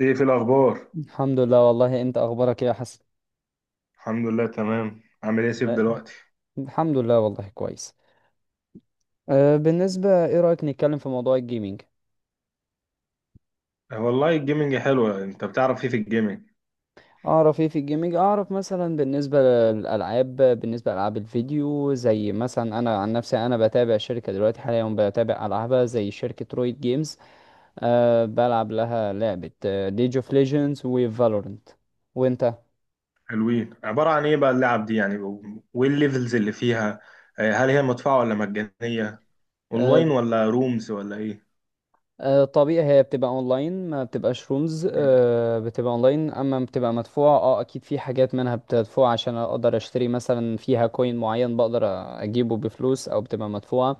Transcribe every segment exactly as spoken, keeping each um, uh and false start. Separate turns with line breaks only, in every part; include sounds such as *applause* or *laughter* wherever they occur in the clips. ايه في الاخبار؟
الحمد لله، والله. انت اخبارك ايه يا حسن؟
الحمد لله، تمام. عامل ايه يا سيف دلوقتي؟
الحمد لله، والله كويس. أه بالنسبة، ايه رأيك نتكلم في موضوع الجيمينج؟
آه، والله الجيمنج حلوه. انت بتعرف ايه في الجيمنج؟
اعرف ايه في الجيمينج. اعرف مثلا بالنسبة للالعاب، بالنسبة لالعاب الفيديو، زي مثلا انا عن نفسي، انا بتابع شركة دلوقتي، حاليا بتابع العابها، زي شركة رويد جيمز. أه بلعب لها لعبة ليج اوف ليجندز وفالورنت. وانت؟
حلوين. عباره عن ايه بقى اللعب دي يعني؟ وايه الليفلز اللي فيها؟ آه، هل هي مدفوعه ولا مجانيه؟ اونلاين
أه
ولا رومز ولا ايه؟
آه، طبيعي، هي بتبقى اونلاين، ما بتبقاش رومز.
مم.
آه، بتبقى اونلاين. اما بتبقى مدفوعة، اه اكيد، في حاجات منها بتدفع عشان اقدر اشتري مثلا فيها كوين معين، بقدر اجيبه بفلوس، او بتبقى مدفوعة.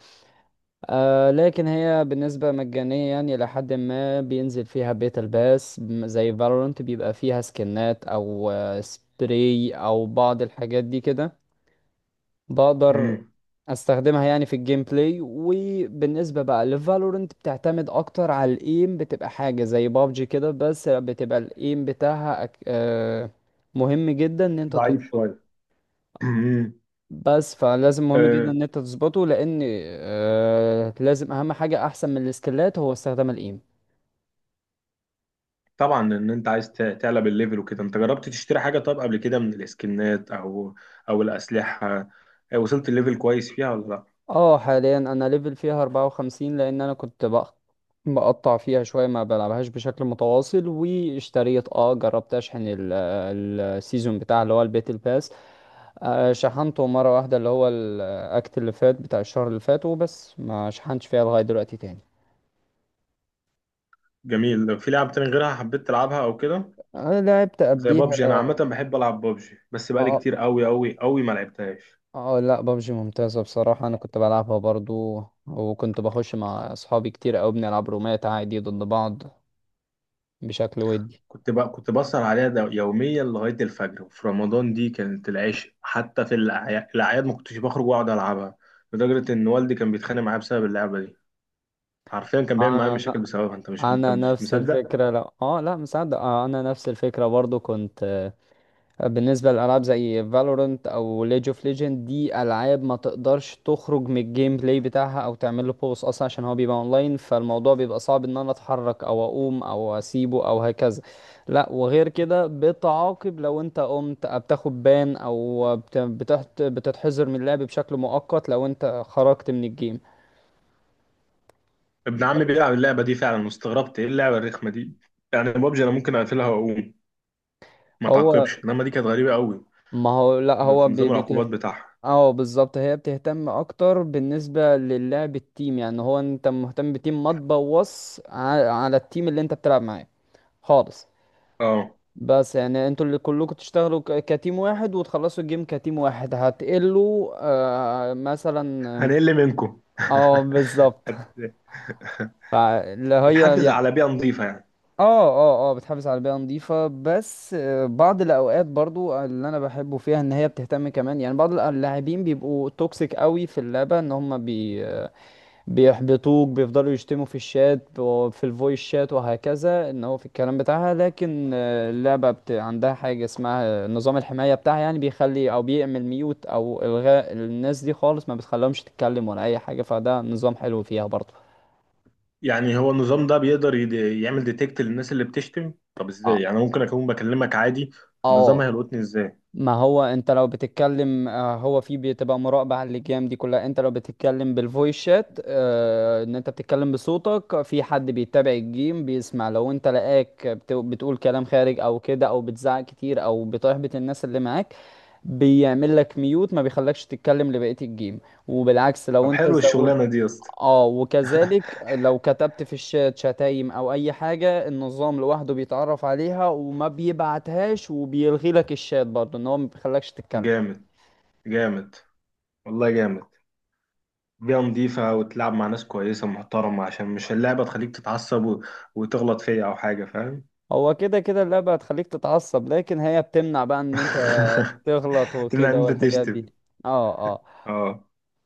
آه، لكن هي بالنسبة مجانية، يعني لحد ما بينزل فيها بيتا الباس، م- زي فالورانت بيبقى فيها سكنات او آه، سبراي او بعض الحاجات دي كده، بقدر
مم.
استخدمها يعني في الجيم بلاي. وبالنسبة بقى لفالورنت، بتعتمد اكتر على الايم، بتبقى حاجة زي بابجي كده، بس بتبقى الايم بتاعها أك... آه، مهم جدا ان انت
ضعيف
تظبطه.
شويه. مم.
بس فلازم مهم جدا
آه،
ان انت تظبطه لان آه، لازم اهم حاجة، احسن من السكيلات، هو استخدام الايم.
طبعا ان انت عايز ت- تعلى بالليفل وكده. انت جربت تشتري حاجه طيب قبل كده من الاسكنات او او الاسلحه؟ آه، وصلت الليفل كويس فيها ولا لا؟
اه حاليا انا ليفل فيها أربعة وخمسين، لان انا كنت بق- بقطع فيها شوية، ما بلعبهاش بشكل متواصل. واشتريت، اه جربت اشحن ال- السيزون بتاع اللي هو الباتل باس. آه، شحنته مرة واحدة، اللي هو الاكت اللي فات بتاع الشهر اللي فات، وبس. ما شحنتش فيها لغاية دلوقتي تاني.
جميل. في لعب تاني غيرها حبيت تلعبها او كده؟
انا لعبت
زي
قبليها.
بابجي، انا عامه بحب العب بابجي بس بقالي
اه،
كتير قوي قوي قوي ما لعبتهاش.
اه، لا ببجي ممتازة بصراحة، انا كنت بلعبها برضو، وكنت بخش مع اصحابي كتير اوي، بنلعب رومات عادي ضد بعض بشكل ودي.
كنت بقى كنت بسهر عليها ده يوميا لغايه الفجر، وفي رمضان دي كانت العشق، حتى في الأعيا- الاعياد ما كنتش بخرج واقعد العبها. لدرجه ان والدي كان بيتخانق معايا بسبب اللعبه دي. حرفيا كان بيعمل معايا مشاكل بسببها. انت مش انت
انا
مش
نفس
مصدق.
الفكره، لا اه لا مصدق. آه انا نفس الفكره برضو كنت. آه، بالنسبه لالعاب زي فالورنت او ليج اوف ليجند، دي العاب ما تقدرش تخرج من الجيم بلاي بتاعها او تعمل له بوز اصلا، عشان هو بيبقى اونلاين، فالموضوع بيبقى صعب ان انا اتحرك او اقوم او اسيبه او هكذا. لا وغير كده بتعاقب، لو انت قمت آه، بتاخد بان، او بت- بتحت- بتتحذر من اللعب بشكل مؤقت لو انت خرجت من الجيم.
ابن عمي
بس
بيلعب اللعبه دي فعلا، واستغربت ايه اللعبه الرخمه دي. يعني بابجي انا ممكن اقفلها واقوم، ما
هو
تعاقبش، انما دي كانت غريبه قوي.
ما هو لا
ب- في
هو.
نظام العقوبات بتاعها.
اه بالظبط، هي بتهتم اكتر بالنسبه للعب التيم، يعني هو انت مهتم بتيم، ما تبوظ ع- على التيم اللي انت بتلعب معاه خالص.
اه،
بس يعني انتوا اللي كلكم تشتغلوا ك- كتيم واحد، وتخلصوا الجيم كتيم واحد، هتقلوا آه مثلا.
هنقل منكم
اه بالظبط *laughs*
*laughs*
فاللي هي
بتحافظ
يعني،
على بيئة نظيفة يعني.
اه اه اه بتحافظ على بيئة نظيفة. بس آه، بعض الأوقات برضو اللي أنا بحبه فيها، إن هي بتهتم كمان، يعني بعض اللاعبين بيبقوا توكسيك قوي في اللعبة، إن هم بي بيحبطوك، بيفضلوا يشتموا في الشات وفي الفويس شات وهكذا، ان هو في الكلام بتاعها. لكن آه، اللعبة بت... عندها حاجة اسمها نظام الحماية بتاعها، يعني بيخلي او بيعمل ميوت او الغاء الناس دي خالص، ما بتخليهمش تتكلم ولا اي حاجة، فده نظام حلو فيها برضه.
يعني هو النظام ده بيقدر يد- يعمل ديتكت للناس اللي بتشتم؟ طب ازاي، يعني ممكن اكون بكلمك عادي، النظام
اه
هيلقطني ازاي؟
ما هو انت لو بتتكلم، آه، هو في بتبقى مراقبة على اللجام دي كلها. انت لو بتتكلم بالفويس شات، آه، ان انت بتتكلم بصوتك، في حد بيتابع الجيم بيسمع، لو انت لقاك بت- بتقول كلام خارج او كده، او بتزعق كتير او بتحبط الناس اللي معاك، بيعمل لك ميوت، ما بيخلكش تتكلم لبقية الجيم. وبالعكس لو
طب
انت
حلو
زود.
الشغلانة دي يا اسطى.
اه وكذلك لو كتبت في الشات شتايم او اي حاجة، النظام لوحده بيتعرف عليها وما بيبعتهاش، وبيلغي لك الشات برضه، ان هو ما بيخلكش تتكلم.
جامد، جامد، والله جامد. بيئة نظيفة وتلعب مع ناس كويسة محترمة عشان مش اللعبة تخليك تتعصب و وتغلط فيا او حاجة، فاهم؟
هو كده كده اللعبة هتخليك تتعصب، لكن هي بتمنع بقى ان انت تغلط
*laughs* تمنع ان
وكده
انت
والحاجات
تشتم.
دي. اه. آه.
اه.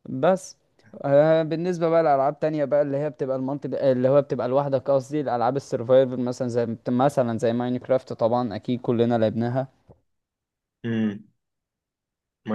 بس آه، بالنسبة بقى لألعاب تانية بقى، اللي هي بتبقى المالتي، اللي هو بتبقى لوحدك، قصدي الألعاب السرفايفل مثلا، زي مثلا زي ماينكرافت طبعا، أكيد كلنا لعبناها.
امم.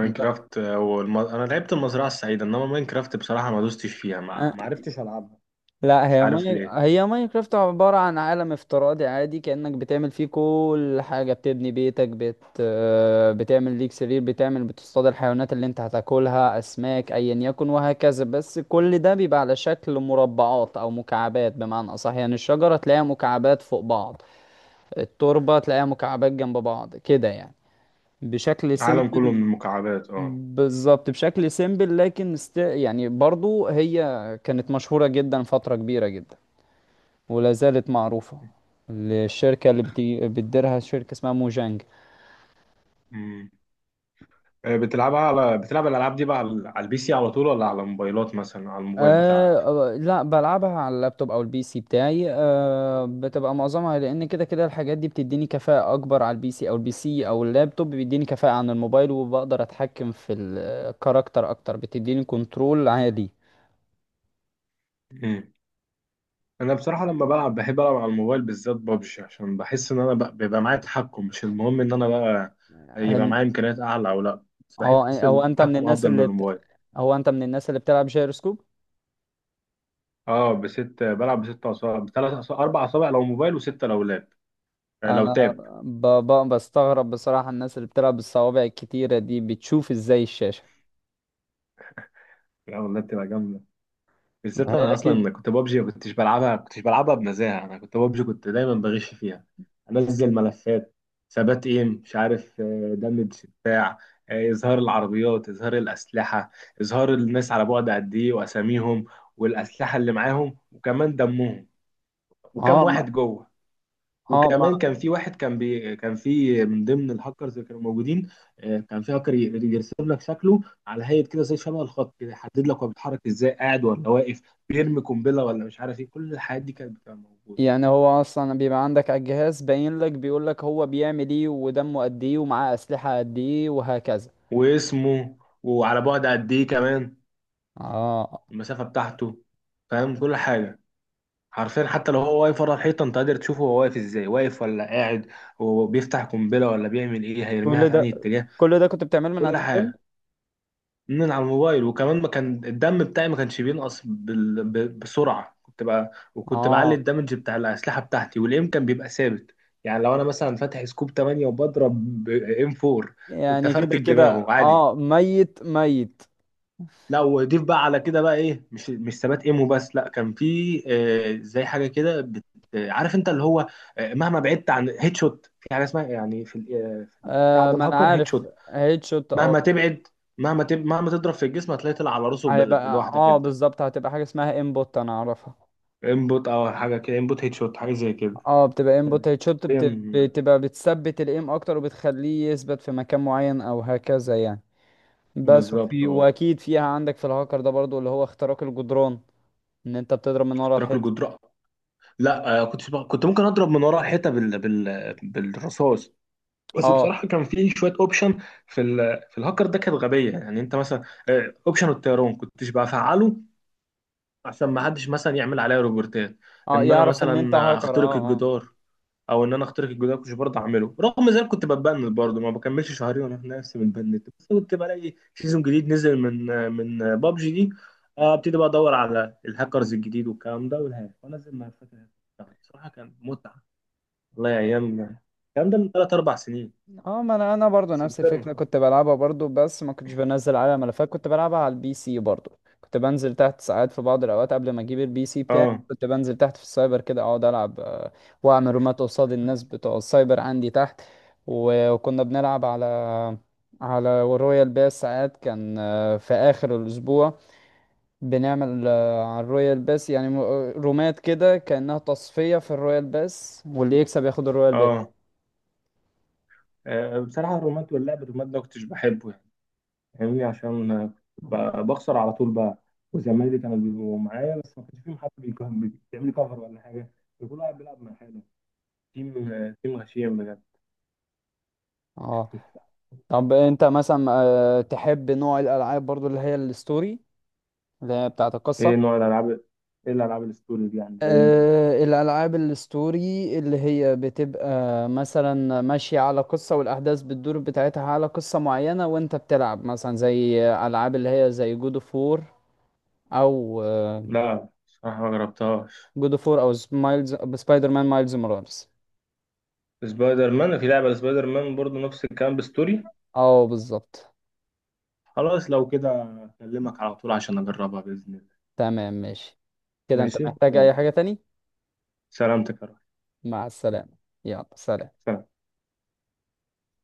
ب-
هو الم... انا لعبت المزرعة السعيدة، انما ماينكرافت بصراحة ما دوستش فيها، ما
آه،
ما عرفتش العبها.
لا
مش
هي
عارف
ماي...
ليه.
هي ماينكرافت عبارة عن عالم افتراضي عادي، كأنك بتعمل فيه كل حاجة، بتبني بيتك، بت... آه، بتعمل ليك سرير، بتعمل بتصطاد الحيوانات اللي انت هتاكلها، أسماك أيا يكن وهكذا. بس كل ده بيبقى على شكل مربعات أو مكعبات بمعنى أصح، يعني الشجرة تلاقيها مكعبات فوق بعض، التربة تلاقيها مكعبات جنب بعض كده يعني، بشكل
عالم كله
سيمبل.
من المكعبات، اه.
بالظبط بشكل سيمبل. لكن است... يعني برضو هي كانت مشهورة جدا فترة كبيرة جدا، ولا زالت معروفة للشركة اللي بتي... بتديرها، شركة اسمها موجانج.
مم. آه، بتلعبها على بتلعب الالعاب دي بقى على على البي سي على طول، ولا على موبايلات، مثلا على الموبايل
أه
بتاعك؟
آه، لا بلعبها على اللابتوب او البي سي بتاعي. أه بتبقى معظمها، لان كده كده الحاجات دي بتديني كفاءة اكبر على البي سي، او البي سي او اللابتوب بيديني كفاءة عن الموبايل، وبقدر اتحكم في الكاركتر اكتر، بتديني كنترول عالي.
مم. انا بصراحه لما بلعب بحب العب على الموبايل، بالذات ببجي، عشان بحس ان انا بقى- بيبقى معايا تحكم. مش المهم ان انا بقى يبقى
هن-
معايا امكانيات اعلى او لا، بس
هو
بحس
هو انت من
التحكم
الناس
افضل من
اللي بت...
الموبايل.
هو انت من الناس اللي بتلعب جيروسكوب؟
اه، بست بلعب بست اصابع، بثلاث اصابع، اربع اصابع لو موبايل، وسته لو لاب. آه، لو
انا
تاب.
ب... ب... بستغرب بصراحة الناس اللي بتلعب بالصوابع الكتيرة دي، بتشوف ازاي الشاشة.
لو لاب تبقى جامده.
ما
بالذات
هي
انا
اكيد.
اصلا كنت ببجي، ما كنتش بلعبها كنتش بلعبها بنزاهه. انا كنت ببجي كنت دايما بغش فيها. انزل ملفات، ثبات ايم، مش عارف، دمج، بتاع، آه، اظهار العربيات، اظهار الاسلحه، اظهار الناس على بعد قد ايه واساميهم، والاسلحه اللي معاهم، وكمان دمهم، وكم
اه ما
واحد جوه.
اه ما
وكمان كان في واحد، كان بي، كان في من ضمن الهاكرز اللي كانوا موجودين. آه، كان في هاكر ي- يرسم لك شكله، على هيئه كده، زي شبه الخط كده، يحدد لك هو بيتحرك ازاي، قاعد ولا واقف، بيرمي قنبله ولا مش عارف ايه. كل الحاجات دي كانت بتبقى موجوده.
يعني هو اصلا بيبقى عندك على الجهاز باين لك، بيقول لك هو بيعمل ايه، ودمه قد ايه، ومعاه اسلحة قد ايه، وهكذا.
واسمه، وعلى بعد قد ايه كمان،
اه
المسافه بتاعته. فاهم كل حاجه. حرفيا حتى لو هو واقف ورا الحيطه انت قادر تشوفه، هو واقف ازاي، واقف ولا قاعد، وبيفتح قنبله ولا بيعمل ايه، هيرميها
كل
في انهي
ده،
اتجاه.
كل ده كنت بتعمله من على
كل
التليفون.
حاجه. من على الموبايل. وكمان ما كان الدم بتاعي ما كانش بينقص بال... ب... بسرعه. كنت بقى وكنت بعلي
اه
الدمج بتاع الاسلحه بتاعتي، والايم كان بيبقى ثابت. يعني لو انا مثلا فاتح سكوب تمانية وبضرب ب ام اربعة، كنت
يعني
افرتك
كده كده
دماغه عادي.
اه ميت ميت.
لا، وضيف بقى على كده بقى ايه، مش مش ثبات ايم وبس. لا كان في آه زي حاجه كده بت... آه، عارف انت اللي هو، آه، مهما بعدت عن هيد شوت في حاجه اسمها، يعني في ال- آه، في بتاع
آه
ده
ما انا
الهاكر هيد
عارف
شوت.
هيد شوت،
مهما
اه.
تبعد، مهما تب... مهما تضرب في الجسم هتلاقي طلع على راسه
هيبقى،
بال- لوحدك
اه
انت.
بالظبط، هتبقى حاجة اسمها انبوت، انا اعرفها.
انبوت او حاجه كده، انبوت هيد شوت، حاجه زي كده.
اه بتبقى
كانت
انبوت هيدشوت، بت...
بين-
بتبقى بتثبت الايم اكتر، وبتخليه يثبت في مكان معين او هكذا يعني. بس
بالظبط،
وفي
اه.
واكيد فيها عندك في الهاكر ده برضو، اللي هو اختراق الجدران، ان انت بتضرب من ورا
اختراق
الحيط.
الجدران. لا، آه، كنت بقى- كنت ممكن اضرب من ورا الحيطه بال... بال... بالرصاص. بس
اه
بصراحه كان في شويه اوبشن، في ال... في الهاكر ده كانت غبيه، يعني انت مثلا اوبشن الطيران كنتش بفعله عشان ما حدش مثلا يعمل عليا روبورتات،
اه
ان انا
يعرف ان انت
مثلا
هاكر،
اخترق
اه اه.
الجدار. او ان انا اخترق الجدار كنت برضه اعمله، رغم ذلك كنت بتبند برضه، ما بكملش شهرين وانا في نفسي متبند، بس كنت بلاقي سيزون جديد نزل من من بابجي دي. آه، ابتدي بقى ادور على الهاكرز الجديد والكلام ده والهاك، وانا زي ما فاكر الهاك. بصراحه كان متعه. والله يا ايام. الكلام ده من ثلاث اربع سنين.
اه ما انا انا برضو
بس
نفس
كبرنا
الفكره
خلاص.
كنت بلعبها برضو، بس ما كنتش بنزل عليها ملفات، كنت بلعبها على البي سي برضو. كنت بنزل تحت ساعات في بعض الاوقات قبل ما اجيب البي سي بتاعي،
اه،
كنت بنزل تحت في السايبر كده اقعد العب، آه، واعمل رومات قصاد الناس بتوع السايبر عندي تحت. و- وكنا بنلعب على على رويال باس ساعات، كان آه، في اخر الاسبوع بنعمل آه، على الرويال باس يعني م- رومات كده كانها تصفيه في الرويال باس، واللي يكسب ياخد الرويال باس.
اه، آه، بصراحه الرومات واللعب الرومات ده ما كنتش بحبه يعني. فاهمني؟ عشان ب- بخسر على طول بقى، وزمايلي كانوا بيبقوا معايا بس ما كانش فيهم حد بيكون- بيعمل لي كفر ولا حاجه. كل واحد بيلعب مع حاله. تيم تيم غشيم بجد.
اه
*laughs*
طب انت مثلا آه، تحب نوع الالعاب برضو اللي هي الستوري، اللي هي بتاعت القصه؟
ايه نوع الالعاب؟ ايه الالعاب الستوري دي يعني ايه؟
أه الالعاب الستوري اللي هي بتبقى مثلا ماشيه على قصه، والاحداث بتدور بتاعتها على قصه معينه، وانت بتلعب مثلا زي العاب اللي هي زي جود اوف وور، او
لا صراحه ما جربتهاش.
جود اوف وور او مايلز سبايدر مان مايلز مورالز.
سبايدر مان، في لعبه سبايدر مان برضه نفس الكلام بستوري.
اه بالظبط.
خلاص لو كده اكلمك على طول عشان اجربها باذن الله.
تمام ماشي. كده انت
ماشي،
محتاج
يلا.
اي حاجه تاني؟
سلامتك يا رب.
مع السلامه. يلا سلام.
سلام.